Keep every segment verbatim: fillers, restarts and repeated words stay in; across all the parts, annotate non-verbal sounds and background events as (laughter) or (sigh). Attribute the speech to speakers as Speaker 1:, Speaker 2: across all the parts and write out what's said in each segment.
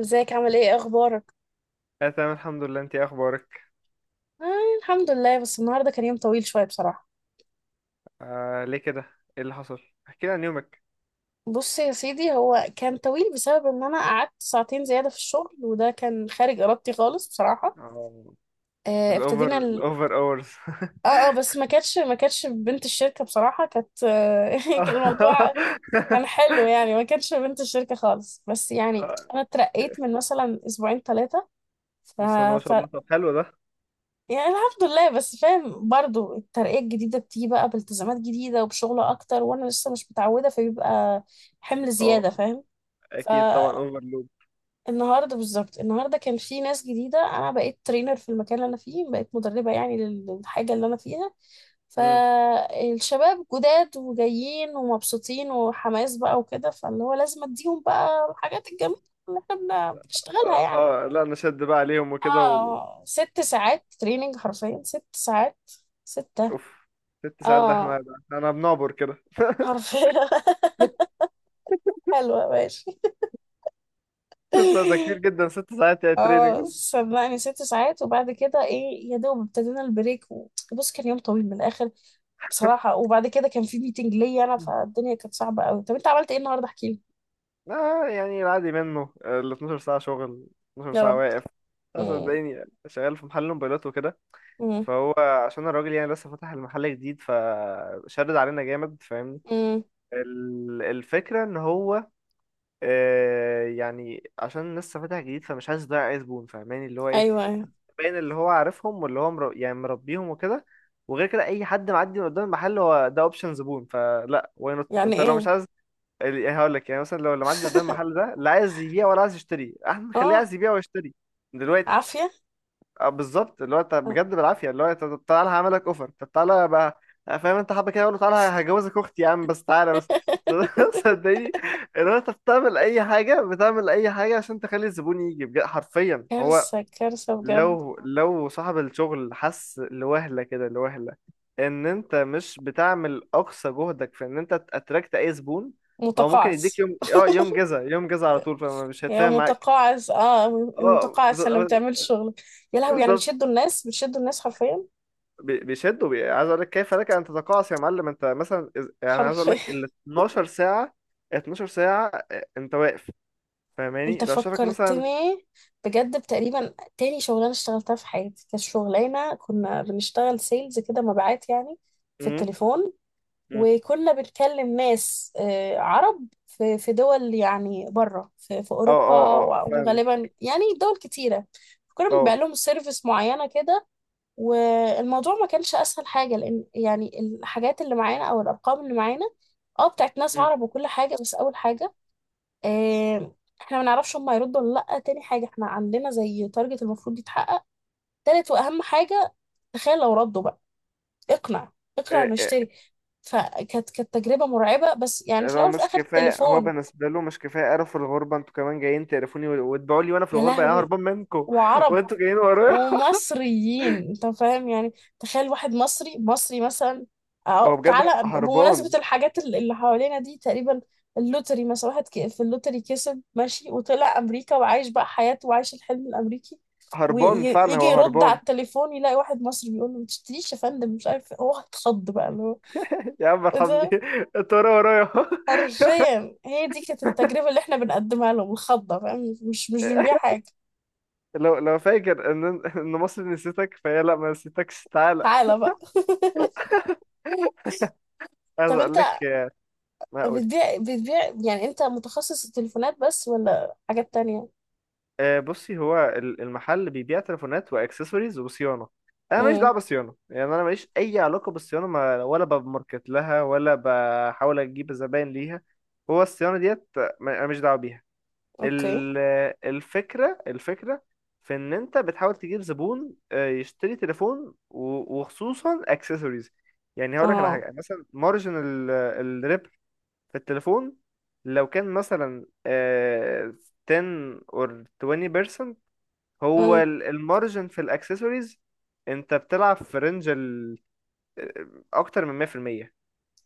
Speaker 1: ازيك عامل ايه اخبارك؟
Speaker 2: لا، تمام الحمد لله. انتي ايه اخبارك؟
Speaker 1: آه. الحمد لله، بس النهارده كان يوم طويل شويه بصراحه.
Speaker 2: آه، ليه كده؟ ايه اللي حصل؟ احكي لي عن يومك.
Speaker 1: بص يا سيدي، هو كان طويل بسبب ان انا قعدت ساعتين زياده في الشغل، وده كان خارج ارادتي خالص بصراحه.
Speaker 2: اه،
Speaker 1: آه
Speaker 2: الاوفر
Speaker 1: ابتدينا ال...
Speaker 2: الاوفر اورز.
Speaker 1: اه اه بس ما كانتش ما كانتش بنت الشركه بصراحه، كانت آه (laughs) كان
Speaker 2: (laughs)
Speaker 1: الموضوع كان حلو يعني، ما كانتش بنت الشركه خالص بس يعني.
Speaker 2: آه.
Speaker 1: انا اترقيت من مثلا اسبوعين، ثلاثه.
Speaker 2: بس ما شاء الله، طب حلو ده.
Speaker 1: يعني الحمد لله، بس فاهم برضو الترقية الجديدة بتيجي بقى بالتزامات جديدة وبشغل أكتر، وأنا لسه مش متعودة، فبيبقى حمل
Speaker 2: اه
Speaker 1: زيادة فاهم.
Speaker 2: اكيد طبعا،
Speaker 1: فالنهاردة،
Speaker 2: اوفرلود.
Speaker 1: بالظبط النهاردة كان في ناس جديدة، أنا بقيت ترينر في المكان اللي أنا فيه، بقيت مدربة يعني للحاجة اللي أنا فيها.
Speaker 2: امم.
Speaker 1: فالشباب جداد وجايين ومبسوطين وحماس بقى وكده، فاللي هو لازم أديهم بقى الحاجات الجميلة اللي احنا بن- بنشتغلها
Speaker 2: اه
Speaker 1: يعني.
Speaker 2: اه، لا انا شد بقى عليهم وكده و...
Speaker 1: اه ست ساعات تريننج، حرفيا ست ساعات. ست.
Speaker 2: اوف. ست ساعات ده؟ احنا
Speaker 1: اه،
Speaker 2: ده انا بنعبر كده.
Speaker 1: حرفيا (laughs) حلوة، ماشي.
Speaker 2: ست ساعات ده كتير جدا، ست ساعات يا تريننج!
Speaker 1: اه
Speaker 2: (laughs)
Speaker 1: صدقني، ست ساعات، وبعد كده ايه يا دوب ابتدينا البريك و- بص كان يوم طويل من الاخر بصراحة. وبعد كده كان في ميتنج ليا انا، فالدنيا كانت صعبة قوي. طب انت عملت ايه النهاردة؟ احكي لي.
Speaker 2: اه، يعني العادي منه ال 12 ساعة شغل، 12
Speaker 1: يا
Speaker 2: ساعة
Speaker 1: رب.
Speaker 2: واقف. اه
Speaker 1: امم.
Speaker 2: صدقيني، شغال في محل موبايلات وكده.
Speaker 1: امم.
Speaker 2: فهو عشان الراجل يعني لسه فاتح المحل جديد فشدد علينا جامد، فاهمني؟
Speaker 1: امم.
Speaker 2: ال- الفكرة ان هو، آه، يعني عشان لسه فاتح جديد فمش عايز يضيع اي زبون، فاهماني؟ اللي هو ايه،
Speaker 1: ايوه، ايوه.
Speaker 2: باين اللي هو عارفهم، واللي هو مر... يعني مربيهم وكده. وغير كده اي حد معدي من قدام المحل هو ده اوبشن زبون، فلا واي نوت.
Speaker 1: يعني
Speaker 2: انت لو مش
Speaker 1: ايه؟
Speaker 2: عايز ال- يعني هقول لك، يعني مثلا لو اللي معدي قدام المحل
Speaker 1: (laughs)
Speaker 2: ده لا عايز يبيع ولا عايز يشتري، احنا نخليه
Speaker 1: اه.
Speaker 2: عايز يبيع ويشتري دلوقتي.
Speaker 1: عافية.
Speaker 2: اه بالظبط، اللي هو انت بجد
Speaker 1: (laughs)
Speaker 2: بالعافيه، اللي هو انت طب تعالى هعمل لك اوفر، طب تعالى بقى. آه، فاهم، انت حابه كده؟ اقول له تعالى هجوزك اختي يا عم، بس تعالى بس. (laughs) صدقني، اللي هو انت بتعمل اي حاجه، بتعمل اي حاجه عشان تخلي الزبون يجي، بجد حرفيا. هو
Speaker 1: كارثة، كارثة بجد.
Speaker 2: لو لو صاحب الشغل حس لوهله كده، لوهله ان انت مش بتعمل اقصى جهدك في ان انت تاتراكت اي زبون، هو ممكن يديك
Speaker 1: متقاعس،
Speaker 2: يوم، اه يوم جزا، يوم جزا على طول، فمش
Speaker 1: يا
Speaker 2: هيتفاهم معاك.
Speaker 1: متقاعس. اه يا
Speaker 2: اه
Speaker 1: متقاعس اللي ما
Speaker 2: بت-
Speaker 1: بتعملش شغلك. يا لهوي، يعني
Speaker 2: بالظبط.
Speaker 1: بتشدوا الناس، بتشدوا الناس حرفيا.
Speaker 2: بي- بيشدوا بي... عايز اقول لك كيف لك ان تتقاعس يا معلم؟ انت مثلا إز- يعني عايز اقول لك
Speaker 1: حرفيا
Speaker 2: ال اتناشر ساعة ساعه، اتناشر ساعة ساعه، آه، انت واقف.
Speaker 1: (laughs) انت
Speaker 2: فاهماني؟ لو شافك مثلا...
Speaker 1: فكرتني بجد، بتقريبا تاني شغلانه اشتغلتها في حياتي كانت شغلانه كنا بنشتغل سيلز كده، مبيعات يعني، في
Speaker 2: امم.
Speaker 1: التليفون.
Speaker 2: امم.
Speaker 1: وكنا بنكلم ناس آه، عرب، في في دول، يعني بره في, في
Speaker 2: اه اه
Speaker 1: اوروبا
Speaker 2: اه،
Speaker 1: و-
Speaker 2: فاهمك.
Speaker 1: وغالبا يعني دول كتيره. كنا بنبيع
Speaker 2: اه.
Speaker 1: لهم سيرفيس معينه كده. والموضوع ما كانش اسهل حاجه، لان يعني الحاجات اللي معانا او الارقام اللي معانا اه بتاعت ناس
Speaker 2: امم.
Speaker 1: عرب وكل حاجه. بس اول حاجه، آه احنا ما نعرفش هم هيردوا ولا لا. تاني حاجه، احنا عندنا زي تارجت المفروض يتحقق. تالت واهم حاجه، تخيل لو ردوا بقى، اقنع، اقنع
Speaker 2: آه،
Speaker 1: انه
Speaker 2: آه،
Speaker 1: يشتري. فكانت كانت تجربه مرعبه، بس يعني في
Speaker 2: لو
Speaker 1: الاول وفي
Speaker 2: مش
Speaker 1: الاخر
Speaker 2: كفايه هو
Speaker 1: التليفون.
Speaker 2: بالنسبه له، مش كفايه قرف الغربه، انتوا كمان جايين تقرفوني و- وتبيعوا لي وانا في
Speaker 1: يا
Speaker 2: الغربه؟ يعني أنا
Speaker 1: لهوي.
Speaker 2: هربان منكم (laughs)
Speaker 1: وعرب
Speaker 2: وانتوا جايين ورايا.
Speaker 1: ومصريين، انت فاهم يعني. تخيل واحد مصري، مصري مثلا، أو
Speaker 2: هو بجد
Speaker 1: تعالى بمناسبة
Speaker 2: هربان.
Speaker 1: الحاجات ال- اللي حوالينا دي تقريبا. اللوتري مثلا، واحد ك- في اللوتري كسب، ماشي وطلع أمريكا وعايش بقى حياته وعايش الحلم الأمريكي،
Speaker 2: هربان فعلا،
Speaker 1: ويجي
Speaker 2: هو
Speaker 1: يرد على
Speaker 2: هربان.
Speaker 1: التليفون يلاقي واحد مصري بيقول له ما تشتريش يا فندم، مش عارف إيه. هو اتخض بقى اللي هو
Speaker 2: (laughs) يا عم
Speaker 1: ايه
Speaker 2: ارحمني،
Speaker 1: ده.
Speaker 2: (laughs) انت ورايا ورايا.
Speaker 1: حرفيا هي دي كانت التجربة اللي احنا بنقدمها لهم، الخضة فاهم، مش مش بنبيع
Speaker 2: (laughs)
Speaker 1: حاجة.
Speaker 2: لو لو فاكر ان (laughs) ان مصر نسيتك، فهي لا ما نسيتكش، تعالى.
Speaker 1: تعالى بقى (laughs)
Speaker 2: عايز
Speaker 1: طب
Speaker 2: اقول لك.
Speaker 1: انت
Speaker 2: هقول.
Speaker 1: بتبيع بتبيع يعني، انت متخصص تليفونات بس، ولا حاجات تانية؟
Speaker 2: آه، بصي، هو ال- المحل بيبيع تليفونات واكسسوارز وصيانه. انا ماليش
Speaker 1: امم.
Speaker 2: دعوه بالصيانه، يعني انا ماليش اي علاقه بالصيانه، ما ولا بماركت لها ولا بحاول اجيب زباين ليها. هو الصيانه ديت، ما- انا ماليش دعوه بيها.
Speaker 1: اوكي.
Speaker 2: ال- الفكرة الفكرة في ان انت بتحاول تجيب زبون آه، يشتري تليفون، و- وخصوصا اكسسوارز. يعني هقول لك على
Speaker 1: اه.
Speaker 2: حاجة، مثلا مارجن الربح في التليفون لو كان مثلا آه، عشرة or عشرين في المية، هو
Speaker 1: امم.
Speaker 2: المارجن في الاكسسوارز انت بتلعب في رينج ال- آه، اكتر من مية بالمية.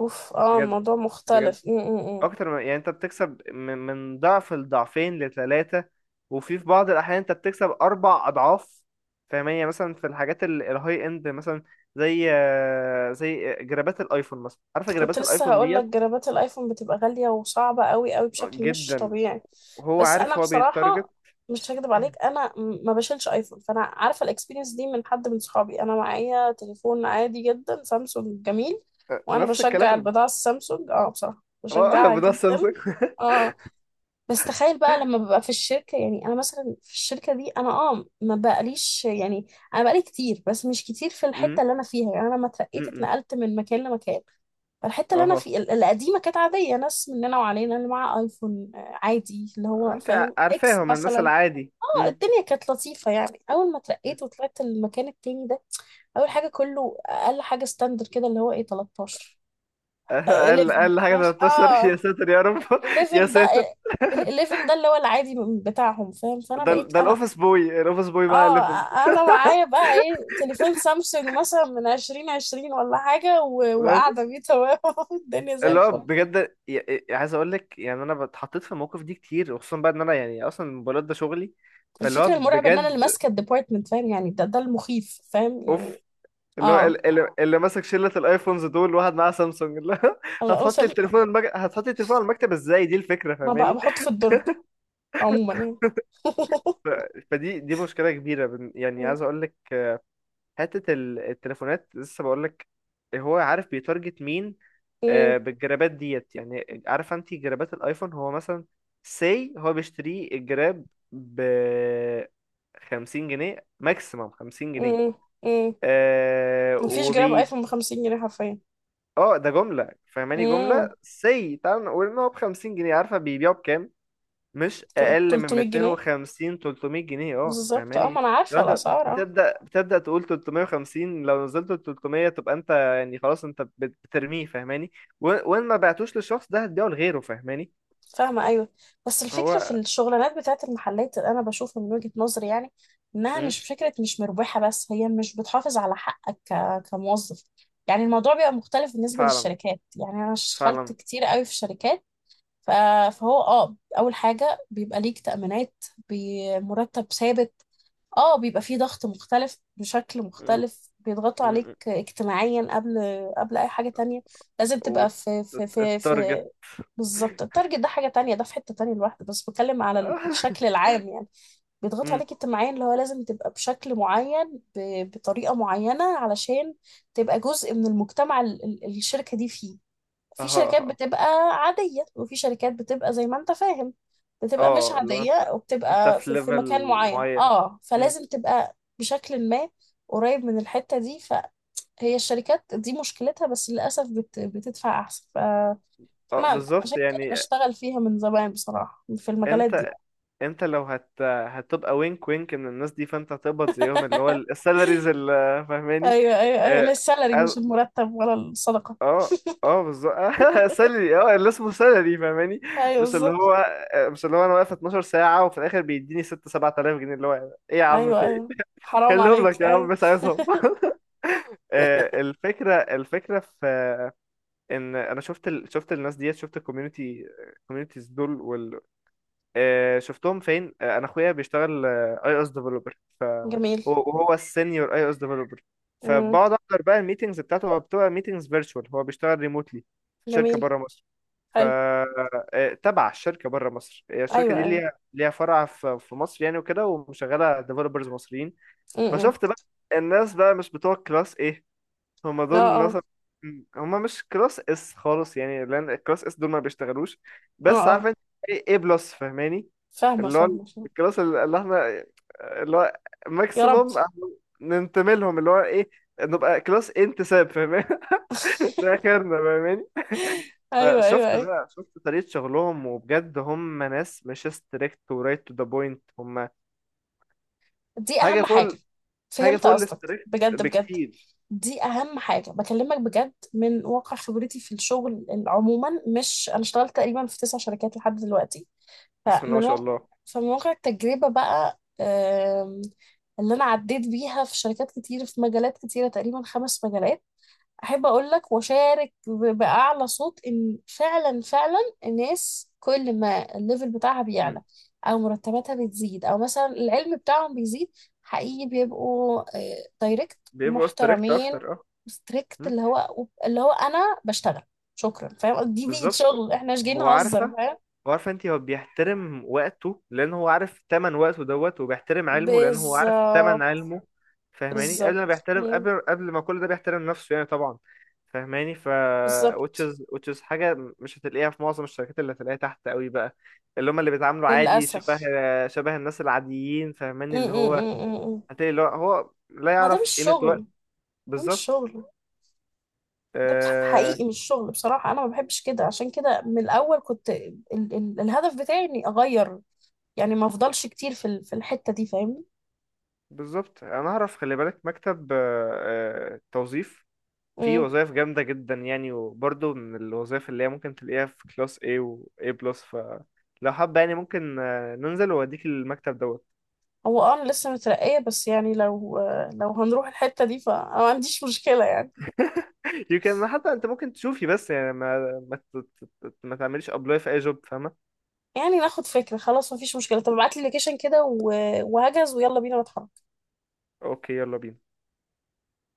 Speaker 1: اوف، اه
Speaker 2: بجد
Speaker 1: الموضوع
Speaker 2: بجد،
Speaker 1: مختلف. امم.
Speaker 2: اكتر من يعني انت بتكسب من, من ضعف لضعفين لثلاثة، وفي في بعض الاحيان انت بتكسب اربع اضعاف. فاهمانية؟ مثلا في الحاجات ال- الهاي اند مثلا، زي آه، زي جرابات الايفون مثلا. عارفة
Speaker 1: كنت
Speaker 2: جرابات
Speaker 1: لسه
Speaker 2: الايفون
Speaker 1: هقول لك،
Speaker 2: ديت؟
Speaker 1: جرابات الايفون بتبقى غالية وصعبة قوي قوي،
Speaker 2: آه،
Speaker 1: بشكل مش
Speaker 2: جدا.
Speaker 1: طبيعي.
Speaker 2: وهو
Speaker 1: بس انا
Speaker 2: عارف، هو بيتارجت.
Speaker 1: بصراحة مش هكدب عليك، انا م- ما بشيلش ايفون، فانا عارفة الاكسبيرينس دي من حد من صحابي. انا معايا تليفون عادي جدا، سامسونج جميل.
Speaker 2: آه،
Speaker 1: وانا
Speaker 2: نفس
Speaker 1: بشجع
Speaker 2: الكلام.
Speaker 1: البضاعة السامسونج، اه بصراحة
Speaker 2: اه، (laughs)
Speaker 1: بشجعها
Speaker 2: بتاع
Speaker 1: جدا.
Speaker 2: سامسونج.
Speaker 1: اه. بس تخيل بقى لما ببقى في الشركة، يعني أنا مثلا في الشركة دي، أنا أه ما بقاليش يعني، أنا بقالي كتير بس مش كتير في
Speaker 2: أمم،
Speaker 1: الحتة اللي أنا فيها. يعني أنا لما اترقيت
Speaker 2: أمم.
Speaker 1: اتنقلت من مكان لمكان. فالحتة اللي أنا
Speaker 2: اها،
Speaker 1: في ال- القديمة كانت عادية، ناس مننا وعلينا، اللي معاه أيفون آه، عادي، اللي هو
Speaker 2: انت
Speaker 1: فاهم إكس
Speaker 2: عارفاهم الناس
Speaker 1: مثلا.
Speaker 2: العادي.
Speaker 1: أه
Speaker 2: أمم.
Speaker 1: الدنيا كانت لطيفة يعني. أول ما
Speaker 2: أمم.
Speaker 1: اترقيت وطلعت المكان التاني ده، أول حاجة كله أقل حاجة ستاندر كده اللي هو إيه، تلتاشر.
Speaker 2: اقل
Speaker 1: حداشر،
Speaker 2: اقل (laughs) حاجة
Speaker 1: ماشي
Speaker 2: تلتاشر؟
Speaker 1: اه.
Speaker 2: يا ساتر يا رب. (laughs)
Speaker 1: حداشر
Speaker 2: يا
Speaker 1: ده،
Speaker 2: ساتر.
Speaker 1: ال حداشر ده اللي هو العادي من- بتاعهم فاهم. فانا
Speaker 2: ده
Speaker 1: بقيت
Speaker 2: ال- ده
Speaker 1: انا،
Speaker 2: الاوفيس بوي الاوفيس بوي مع
Speaker 1: اه
Speaker 2: الليفن.
Speaker 1: انا معايا بقى ايه تليفون سامسونج مثلا من الفين وعشرين ولا حاجه، و-
Speaker 2: لا-
Speaker 1: وقاعده بيه تمام (laughs) الدنيا زي
Speaker 2: اللي هو
Speaker 1: الفل.
Speaker 2: بجد ي- ي- يعني عايز اقول لك، يعني انا اتحطيت في المواقف دي كتير، وخصوصا بقى ان انا يعني اصلا الموبايلات ده شغلي، فاللي هو
Speaker 1: الفكره المرعبه ان انا
Speaker 2: بجد
Speaker 1: اللي ماسكه الديبارتمنت فاهم يعني، ده ده المخيف فاهم
Speaker 2: اوف!
Speaker 1: يعني.
Speaker 2: اللي هو
Speaker 1: اه.
Speaker 2: ال- اللي, اللي ماسك شله الايفونز دول، واحد معاه سامسونج، اللي هو (laughs)
Speaker 1: الله،
Speaker 2: هتحط
Speaker 1: اوسم.
Speaker 2: التليفون المج... هتحط التليفون على المكتب ازاي؟ دي الفكره
Speaker 1: ما بقى
Speaker 2: فاهماني؟
Speaker 1: بحط في الدرج عموما يعني
Speaker 2: ف...
Speaker 1: (laughs)
Speaker 2: فدي دي مشكله كبيره، بن- يعني
Speaker 1: مم.
Speaker 2: عايز اقول لك. حته ال- التليفونات، لسه بقول لك، هو عارف بيتارجت مين آه، بالجرابات ديت، يعني عارفه انت جرابات الايفون؟ هو مثلا، سي هو بيشتري الجراب ب خمسين جنيه، ماكسيمم خمسين جنيه.
Speaker 1: مم. مم.
Speaker 2: آه
Speaker 1: مفيش جراب
Speaker 2: وبي
Speaker 1: ايفون ب خمسين جنيه حرفيا.
Speaker 2: اه، ده جمله فاهماني، جمله
Speaker 1: مم.
Speaker 2: سي. تعال نقول ان هو ب خمسين جنيه، عارفه بيبيعه بكام؟ مش اقل من
Speaker 1: تلتمية جنيه
Speaker 2: ميتين وخمسين، تلتمية جنيه، اه
Speaker 1: بالظبط، اه ما
Speaker 2: فاهماني؟
Speaker 1: انا
Speaker 2: لو
Speaker 1: عارفه
Speaker 2: انت
Speaker 1: الاسعار اه.
Speaker 2: بتبدا، بتبدا تقول تلتمية وخمسين، لو نزلت ال تلتمية تبقى انت يعني خلاص انت بت- بترميه، فاهماني. و- وان ما بعتوش للشخص ده هتبيعه لغيره، فاهماني.
Speaker 1: فاهمة، أيوة. بس الفكرة في
Speaker 2: هو.
Speaker 1: الشغلانات بتاعت المحلات، أنا بشوف من وجهة نظري يعني إنها
Speaker 2: مم.
Speaker 1: مش فكرة، مش مربحة، بس هي مش بتحافظ على حقك ك... كموظف. يعني الموضوع بيبقى مختلف بالنسبة
Speaker 2: فعلا
Speaker 1: للشركات. يعني أنا اشتغلت
Speaker 2: فعلا.
Speaker 1: كتير قوي في شركات. ف... فهو اه أول حاجة بيبقى ليك تأمينات، بمرتب ثابت، اه بيبقى فيه ضغط مختلف، بشكل
Speaker 2: مم. مم.
Speaker 1: مختلف بيضغطوا عليك
Speaker 2: مم.
Speaker 1: اجتماعيا قبل، قبل اي حاجة تانية. لازم تبقى في في في في.
Speaker 2: والتارجت.
Speaker 1: بالظبط، التارجت ده حاجة تانية، ده في حتة تانية لوحده، بس بتكلم على ال- الشكل
Speaker 2: (laughs)
Speaker 1: العام يعني. بيضغطوا
Speaker 2: مم.
Speaker 1: عليك اجتماعيا، اللي هو لازم تبقى بشكل معين، ب- بطريقة معينة علشان تبقى جزء من المجتمع ال- ال- الشركة دي فيه. في
Speaker 2: اها
Speaker 1: شركات
Speaker 2: اها.
Speaker 1: بتبقى عادية، وفي شركات بتبقى زي ما انت فاهم، بتبقى مش
Speaker 2: اه، اللي هو
Speaker 1: عادية،
Speaker 2: انت انت
Speaker 1: وبتبقى
Speaker 2: في
Speaker 1: في, في مكان
Speaker 2: ليفل
Speaker 1: معين
Speaker 2: معين.
Speaker 1: اه،
Speaker 2: مم.
Speaker 1: فلازم تبقى بشكل ما قريب من الحتة دي. فهي الشركات دي مشكلتها، بس للأسف بت بتدفع أحسن، فأنا
Speaker 2: اه بالظبط،
Speaker 1: عشان كده
Speaker 2: يعني
Speaker 1: بشتغل فيها من زمان بصراحة في المجالات دي.
Speaker 2: انت انت لو هت هتبقى وينك وينك من الناس دي، فانت هتقبض زيهم، اللي هو
Speaker 1: (laughs)
Speaker 2: السالاريز، اللي فاهماني.
Speaker 1: أيوه أيوه أيوه
Speaker 2: اه
Speaker 1: لا السالري مش
Speaker 2: اه
Speaker 1: المرتب ولا الصدقة.
Speaker 2: اه. آه، بالظبط، (laughs) سالري، اه اللي اسمه سالري فاهماني،
Speaker 1: أيوه
Speaker 2: مش اللي
Speaker 1: بالظبط.
Speaker 2: هو آه، مش اللي هو انا واقف 12 ساعة وفي الاخر بيديني ستة سبعة آلاف جنيه، اللي هو ايه يا عم،
Speaker 1: أيوه،
Speaker 2: في ايه؟
Speaker 1: أيوه
Speaker 2: (laughs)
Speaker 1: حرام
Speaker 2: خليهم لك
Speaker 1: عليك،
Speaker 2: يا عم،
Speaker 1: أيوه.
Speaker 2: مش عايزهم. (laughs) آه، الفكرة الفكرة في ان انا شفت ال... شفت الناس ديت، شفت الكوميونتي، الكوميونتيز دول وال... آه، شفتهم فين. آه، انا اخويا بيشتغل اي اس ديفلوبر،
Speaker 1: (laughs) جميل.
Speaker 2: وهو السينيور اي او اس ديفلوبر،
Speaker 1: مم.
Speaker 2: فبقعد احضر بقى الميتنجز بتاعته. هو بتبقى ميتنجز فيرتشوال، هو بيشتغل ريموتلي في شركه
Speaker 1: جميل،
Speaker 2: بره مصر. ف
Speaker 1: حلو.
Speaker 2: آه، تبع الشركه بره مصر، هي الشركه
Speaker 1: ايوه،
Speaker 2: دي
Speaker 1: ايوه.
Speaker 2: ليها ليها فرع في في مصر يعني وكده، ومشغله ديفلوبرز مصريين.
Speaker 1: امم، إمم.
Speaker 2: فشفت بقى الناس بقى مش بتوع كلاس ايه، هما
Speaker 1: اه،
Speaker 2: دول مثلا،
Speaker 1: اه،
Speaker 2: هما مش كلاس اس خالص، يعني لان الكلاس اس دول ما بيشتغلوش.
Speaker 1: اه،
Speaker 2: بس عارف
Speaker 1: اه.
Speaker 2: انت ايه؟ بلس فاهماني.
Speaker 1: فاهمه،
Speaker 2: اللي هو
Speaker 1: فاهمه، فاهمه.
Speaker 2: الكلاس اللي احنا، اللي هو
Speaker 1: يا رب
Speaker 2: ماكسيموم ننتمي لهم، اللي هو ايه؟ نبقى كلاس انتساب فاهماني. (laughs) ده اخرنا فاهماني.
Speaker 1: (laughs) ايوه،
Speaker 2: فشفت
Speaker 1: ايوه، ايوه.
Speaker 2: بقى شفت طريقة شغلهم، وبجد هم ناس مش ستريكت ورايت تو ذا بوينت، هم
Speaker 1: دي
Speaker 2: حاجة
Speaker 1: اهم
Speaker 2: فوق
Speaker 1: حاجه.
Speaker 2: ال- حاجة
Speaker 1: فهمت
Speaker 2: فوق
Speaker 1: قصدك.
Speaker 2: الستريكت
Speaker 1: بجد، بجد.
Speaker 2: بكتير.
Speaker 1: دي اهم حاجه بكلمك بجد، من واقع خبرتي في الشغل عموما. مش، انا اشتغلت تقريبا في تسع شركات لحد دلوقتي.
Speaker 2: بسم الله ما
Speaker 1: فمن
Speaker 2: شاء
Speaker 1: واقع
Speaker 2: الله.
Speaker 1: فمن واقع التجربه بقى، آم، اللي انا عديت بيها في شركات كتير في مجالات كتيره، تقريبا خمس مجالات. احب اقول لك واشارك ب- باعلى صوت ان فعلا، فعلا، الناس كل ما الليفل بتاعها
Speaker 2: مم.
Speaker 1: بيعلى، او مرتباتها بتزيد، او مثلا العلم بتاعهم بيزيد، حقيقي بيبقوا دايركت،
Speaker 2: بيبقوا ستريكت
Speaker 1: محترمين،
Speaker 2: اكتر.
Speaker 1: ستريكت.
Speaker 2: مم؟
Speaker 1: اللي هو اللي هو انا بشتغل، شكرا فاهم، دي بيئة
Speaker 2: بالظبط،
Speaker 1: شغل، احنا مش جايين
Speaker 2: هو
Speaker 1: نهزر
Speaker 2: عارفه.
Speaker 1: فاهم.
Speaker 2: هو عارفه، انت هو بيحترم وقته لان هو عارف تمن وقته دوت، وبيحترم علمه لان هو عارف تمن
Speaker 1: بالظبط.
Speaker 2: علمه. فاهماني؟ قبل ما
Speaker 1: بالظبط.
Speaker 2: بيحترم،
Speaker 1: مم.
Speaker 2: قبل قبل ما كل ده، بيحترم نفسه يعني طبعا. فاهماني؟ ف which
Speaker 1: بالظبط.
Speaker 2: is which is حاجه مش هتلاقيها في معظم الشركات، اللي هتلاقيها تحت قوي بقى، اللي هم اللي بيتعاملوا عادي، شبه
Speaker 1: للاسف.
Speaker 2: شبه الناس العاديين،
Speaker 1: م-
Speaker 2: فاهماني؟ اللي
Speaker 1: م-
Speaker 2: هو
Speaker 1: م- م- م.
Speaker 2: هتلاقي اللي هو هو لا
Speaker 1: ما ده مش
Speaker 2: يعرف قيمه
Speaker 1: شغل.
Speaker 2: وقت.
Speaker 1: ده مش
Speaker 2: بالظبط.
Speaker 1: شغل. ده بح-
Speaker 2: آه،
Speaker 1: حقيقي مش شغل بصراحة. أنا ما بحبش كده، عشان كده من الأول كنت ال ال الهدف بتاعي إني أغير، يعني ما أفضلش كتير في ال- في الحتة دي، فاهمني؟
Speaker 2: بالظبط، انا اعرف خلي بالك، مكتب آه، آه، توظيف، فيه
Speaker 1: مم.
Speaker 2: وظائف جامده جدا يعني، وبرضه من الوظائف اللي هي ممكن تلاقيها في كلاس A و A بلس. فلو حابه، يعني ممكن آه، ننزل واديك المكتب دوت.
Speaker 1: هو أه أنا لسه مترقية، بس يعني لو آه، لو هنروح الحتة دي فأنا ما عنديش مشكلة يعني.
Speaker 2: (laughs) يمكن حتى انت ممكن تشوفي بس، يعني ما ما ت- ت- ت- ما تعمليش ابلاي في اي جوب، فاهمه؟
Speaker 1: يعني ناخد فكرة، خلاص ما فيش مشكلة، طب ابعتلي اللوكيشن كده و- وهجز ويلا بينا نتحرك.
Speaker 2: اوكي، يلا بينا.